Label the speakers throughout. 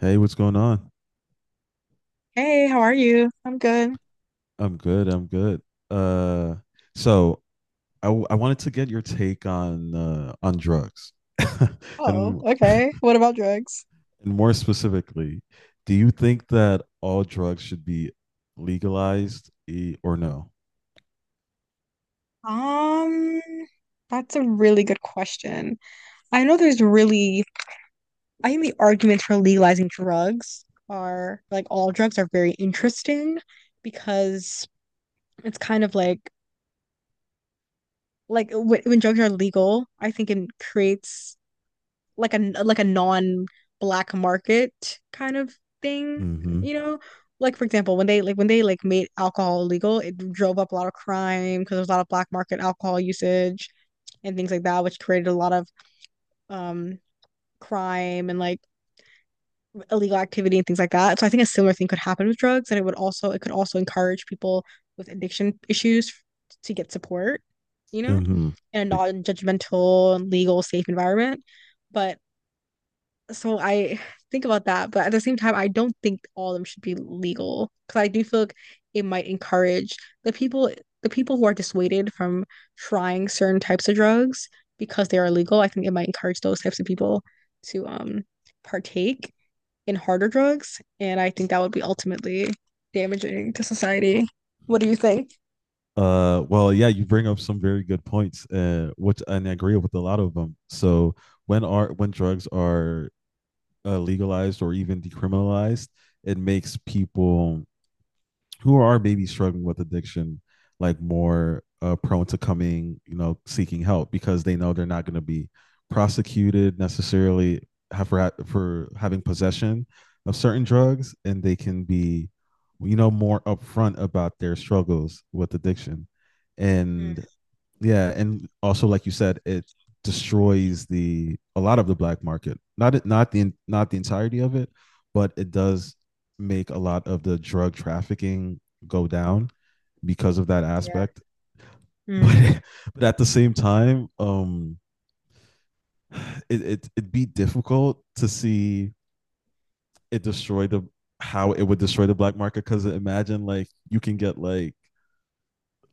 Speaker 1: Hey, what's going on?
Speaker 2: Hey, how are you? I'm good.
Speaker 1: I'm good. I'm good. Uh, so I wanted to get your take on drugs,
Speaker 2: Oh,
Speaker 1: and
Speaker 2: okay. What about drugs?
Speaker 1: more specifically, do you think that all drugs should be legalized or no?
Speaker 2: Um, that's a really good question. I know there's really, I think the arguments for legalizing drugs are like all drugs are very interesting because it's kind of like like when drugs are legal, I think it creates like a non black market kind of thing,
Speaker 1: Mm-hmm.
Speaker 2: you know? Like for example, when they like made alcohol illegal, it drove up a lot of crime because there was a lot of black market alcohol usage and things like that, which created a lot of um crime and like illegal activity and things like that. So I think a similar thing could happen with drugs, and it could also encourage people with addiction issues to get support, you know,
Speaker 1: Mm-hmm.
Speaker 2: in a
Speaker 1: Like,
Speaker 2: non-judgmental, legal, safe environment. But I think about that, but at the same time, I don't think all of them should be legal because I do feel like it might encourage the people the people who are dissuaded from trying certain types of drugs because they are illegal. I think it might encourage those types of people to partake in harder drugs, and I think that would be ultimately damaging to society. What do you think?
Speaker 1: well, yeah, you bring up some very good points, which and I agree with a lot of them. So when drugs are legalized or even decriminalized, it makes people who are maybe struggling with addiction like more prone to coming, seeking help because they know they're not going to be prosecuted necessarily for for having possession of certain drugs, and they can be, you know, more upfront about their struggles with addiction. And yeah, and also like you said, it destroys the a lot of the black market. Not the, not the entirety of it, but it does make a lot of the drug trafficking go down because of that
Speaker 2: Yeah.
Speaker 1: aspect.
Speaker 2: Mm.
Speaker 1: But but at the same time, it'd be difficult to see it destroy the how it would destroy the black market, because imagine like you can get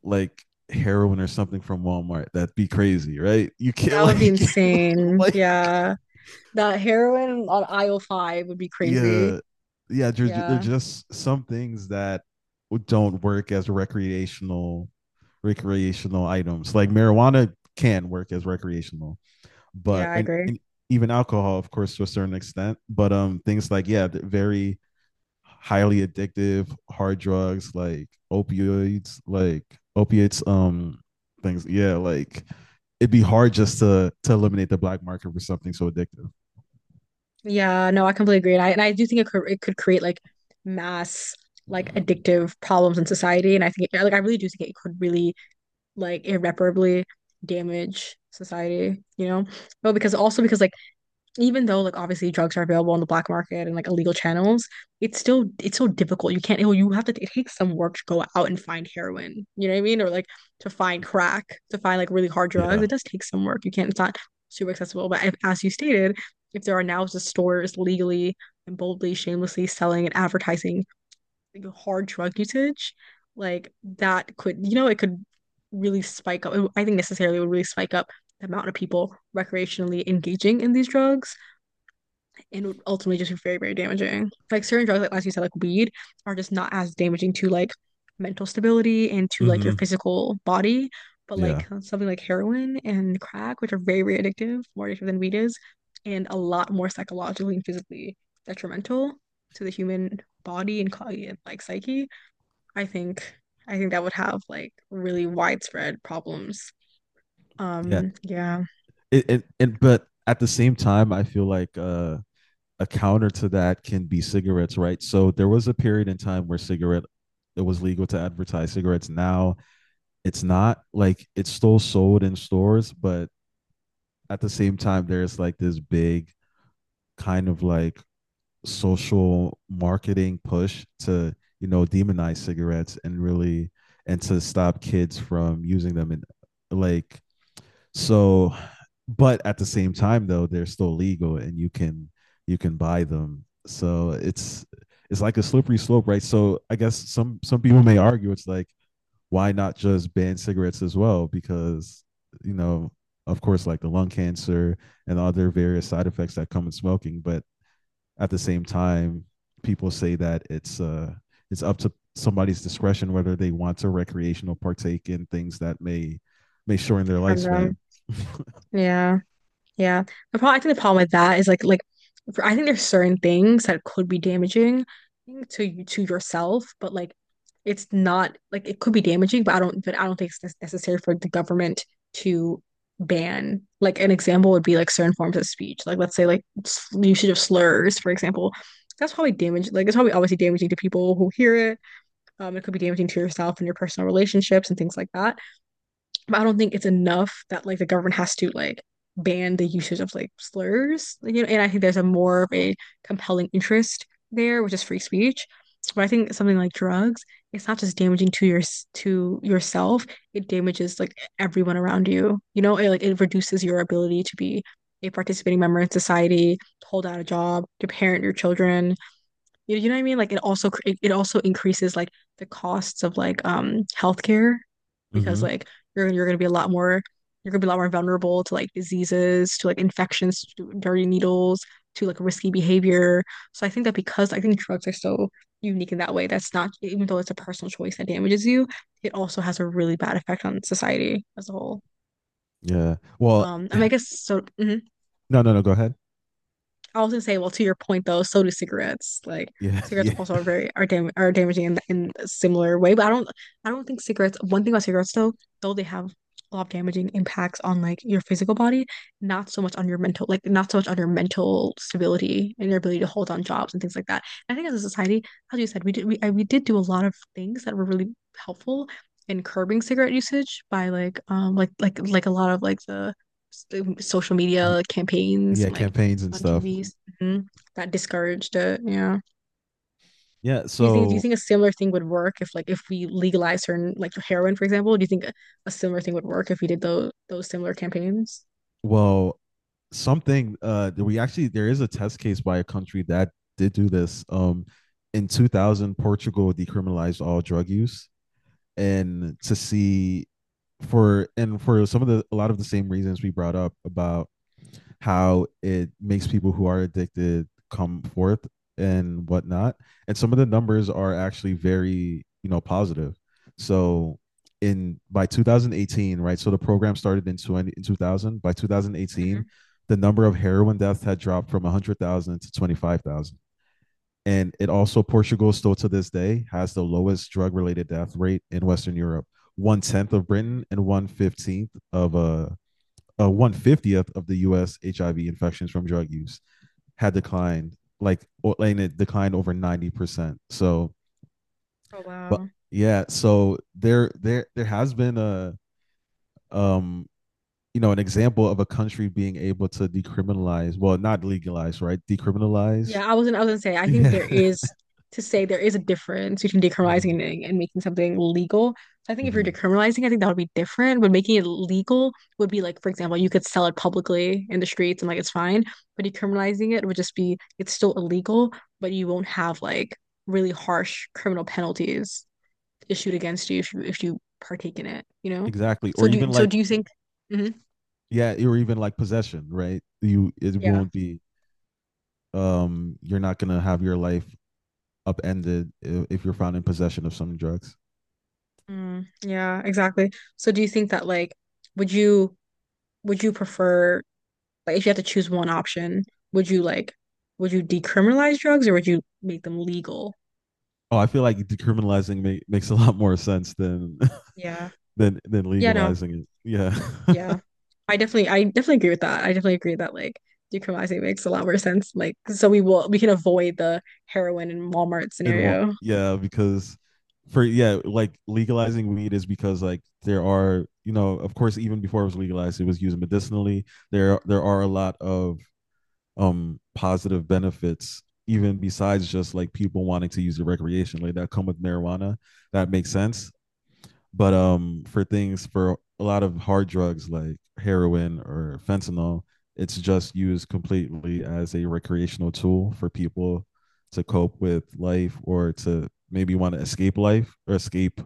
Speaker 1: like heroin or something from Walmart. That'd be crazy, right? You can't
Speaker 2: That would be
Speaker 1: like
Speaker 2: insane.
Speaker 1: like
Speaker 2: Yeah. That heroin on aisle five would be crazy.
Speaker 1: yeah, yeah. They're
Speaker 2: Yeah.
Speaker 1: just some things that don't work as recreational items. Like marijuana can work as recreational, but
Speaker 2: Yeah, I
Speaker 1: and,
Speaker 2: agree.
Speaker 1: and even alcohol, of course, to a certain extent. But things like, yeah, very highly addictive hard drugs like opioids, like opiates, things, yeah, like it'd be hard just to eliminate the black market for something so addictive.
Speaker 2: Yeah, no, I completely agree. And I do think it could create like mass like addictive problems in society. And I think it, like I really do think it could really like irreparably damage society, you know? But because also because like even though like obviously drugs are available on the black market and like illegal channels, it's so difficult. You can't you have to it takes some work to go out and find heroin. You know what I mean? Or like to find crack, to find like really hard drugs.
Speaker 1: Yeah.
Speaker 2: It does take some work. You can't it's not super accessible. But if, as you stated, if there are now just stores legally and boldly, shamelessly selling and advertising like, hard drug usage, like that could you know it could really spike up. I think necessarily would really spike up the amount of people recreationally engaging in these drugs and would ultimately just be very, very damaging. Like certain drugs, like as you said, like weed, are just not as damaging to like mental stability and to like your
Speaker 1: Hmm.
Speaker 2: physical body. But
Speaker 1: Yeah,
Speaker 2: like something like heroin and crack, which are very, very addictive, more addictive than weed is, and a lot more psychologically and physically detrimental to the human body and like psyche. I think I think that would have like really widespread problems.
Speaker 1: yeah,
Speaker 2: Um, yeah,
Speaker 1: it but at the same time I feel like a counter to that can be cigarettes, right? So there was a period in time where cigarette it was legal to advertise cigarettes. Now it's not like it's still sold in stores, but at the same time, there's like this big kind of like social marketing push to, you know, demonize cigarettes and really and to stop kids from using them. And like so, but at the same time though, they're still legal and you can buy them. So it's like a slippery slope, right? So I guess some people may argue it's like why not just ban cigarettes as well, because, you know, of course, like the lung cancer and other various side effects that come with smoking. But at the same time, people say that it's up to somebody's discretion whether they want to recreational partake in things that may shorten their
Speaker 2: from
Speaker 1: lifespan.
Speaker 2: them. Yeah. Yeah. The problem, I think the problem with that is like for, I think there's certain things that could be damaging to you to yourself, but like it's not like it could be damaging, but I don't think it's necessary for the government to ban. Like an example would be like certain forms of speech. Like let's say like usage of slurs, for example. That's probably damage like it's probably obviously damaging to people who hear it. It could be damaging to yourself and your personal relationships and things like that, but I don't think it's enough that like the government has to like ban the usage of like slurs. Like, you know, and I think there's a more of a compelling interest there, which is free speech. But I think something like drugs, it's not just damaging to yourself, it damages like everyone around you. You know, it like it reduces your ability to be a participating member in society, to hold out a job, to parent your children, you know what I mean? Like it also increases like the costs of like healthcare because
Speaker 1: Mm-hmm.
Speaker 2: like you're gonna be a lot more vulnerable to like diseases, to like infections, to dirty needles, to like risky behavior. So I think that because I think drugs are so unique in that way, that's not even though it's a personal choice that damages you, it also has a really bad effect on society as a whole.
Speaker 1: Yeah. Well,
Speaker 2: I mean, I guess so. Mhm.
Speaker 1: no, no, no. Go ahead.
Speaker 2: I was gonna say, well, to your point though, so do cigarettes. Like
Speaker 1: Yeah,
Speaker 2: cigarettes
Speaker 1: yeah,
Speaker 2: also are very are dam are damaging in a similar way. But I don't think cigarettes. One thing about cigarettes though they have a lot of damaging impacts on like your physical body, not so much on your mental, like not so much on your mental stability and your ability to hold on jobs and things like that. I think as a society, as you said, we did do a lot of things that were really helpful in curbing cigarette usage by like like a lot of like the social media campaigns
Speaker 1: yeah.
Speaker 2: like
Speaker 1: Campaigns and
Speaker 2: on
Speaker 1: stuff.
Speaker 2: TVs. Hmm. That discouraged it. Yeah.
Speaker 1: Yeah.
Speaker 2: Do you
Speaker 1: So,
Speaker 2: think a similar thing would work if if we legalize certain like heroin, for example? Do you think a similar thing would work if we did those similar campaigns?
Speaker 1: well, something. We actually There is a test case by a country that did do this. In 2000, Portugal decriminalized all drug use, and to see for and for some of the a lot of the same reasons we brought up about how it makes people who are addicted come forth and whatnot. And some of the numbers are actually very, you know, positive. So in by 2018, right? So the program started in 2000. By 2018,
Speaker 2: Mhm.
Speaker 1: the number of heroin deaths had dropped from 100,000 to 25,000. And it also, Portugal still to this day has the lowest drug related death rate in Western Europe, one tenth of Britain and one 15th of a one 50th of the U.S. HIV infections from drug use had declined, like and it declined over 90%. So,
Speaker 2: Oh
Speaker 1: but
Speaker 2: wow.
Speaker 1: yeah, so there there has been a um you know an example of a country being able to decriminalize, well, not legalize, right? Decriminalize,
Speaker 2: Yeah, I wasn't I was gonna say I think
Speaker 1: yeah.
Speaker 2: there is to say there is a difference between decriminalizing
Speaker 1: Mhm,
Speaker 2: and making something legal. So I think if you're
Speaker 1: mhm.
Speaker 2: decriminalizing, I think that would be different. But making it legal would be like, for example, you could sell it publicly in the streets and like it's fine. But decriminalizing it would just be it's still illegal, but you won't have like really harsh criminal penalties issued against you if you if you partake in it, you know?
Speaker 1: Exactly, or even
Speaker 2: So do
Speaker 1: like
Speaker 2: you think Mhm.
Speaker 1: yeah or even like possession, right? You it
Speaker 2: Yeah.
Speaker 1: won't be you're not gonna have your life upended if you're found in possession of some drugs.
Speaker 2: Mm, yeah, exactly. So do you think that like would you would you prefer like if you had to choose one option, would you like would you decriminalize drugs or would you make them legal?
Speaker 1: Oh, I feel like decriminalizing ma- makes a lot more sense than
Speaker 2: Yeah.
Speaker 1: than
Speaker 2: Yeah, no.
Speaker 1: legalizing it. Yeah.
Speaker 2: Yeah. I definitely agree with that. I definitely agree that like decriminalizing makes a lot more sense. Like so we can avoid the heroin and Walmart
Speaker 1: It won't,
Speaker 2: scenario.
Speaker 1: yeah, because for yeah, like legalizing weed is because like there are, you know, of course, even before it was legalized it was used medicinally. There are a lot of positive benefits, even besides just like people wanting to use the recreation like, that come with marijuana, that makes sense. But for things, for a lot of hard drugs like heroin or fentanyl, it's just used completely as a recreational tool for people to cope with life, or to maybe want to escape life or escape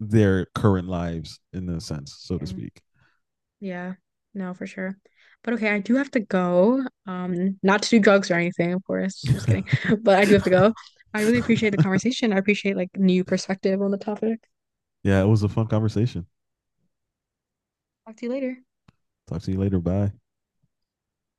Speaker 1: their current lives, in a sense, so to
Speaker 2: Yeah.
Speaker 1: speak.
Speaker 2: Yeah, no, for sure. But okay, I do have to go. Not to do drugs or anything, of course. Just kidding.
Speaker 1: Yeah,
Speaker 2: But I do have to go. I really appreciate the conversation. I appreciate like new perspective on the topic.
Speaker 1: it was a fun conversation.
Speaker 2: Talk to you later.
Speaker 1: Talk to you later. Bye.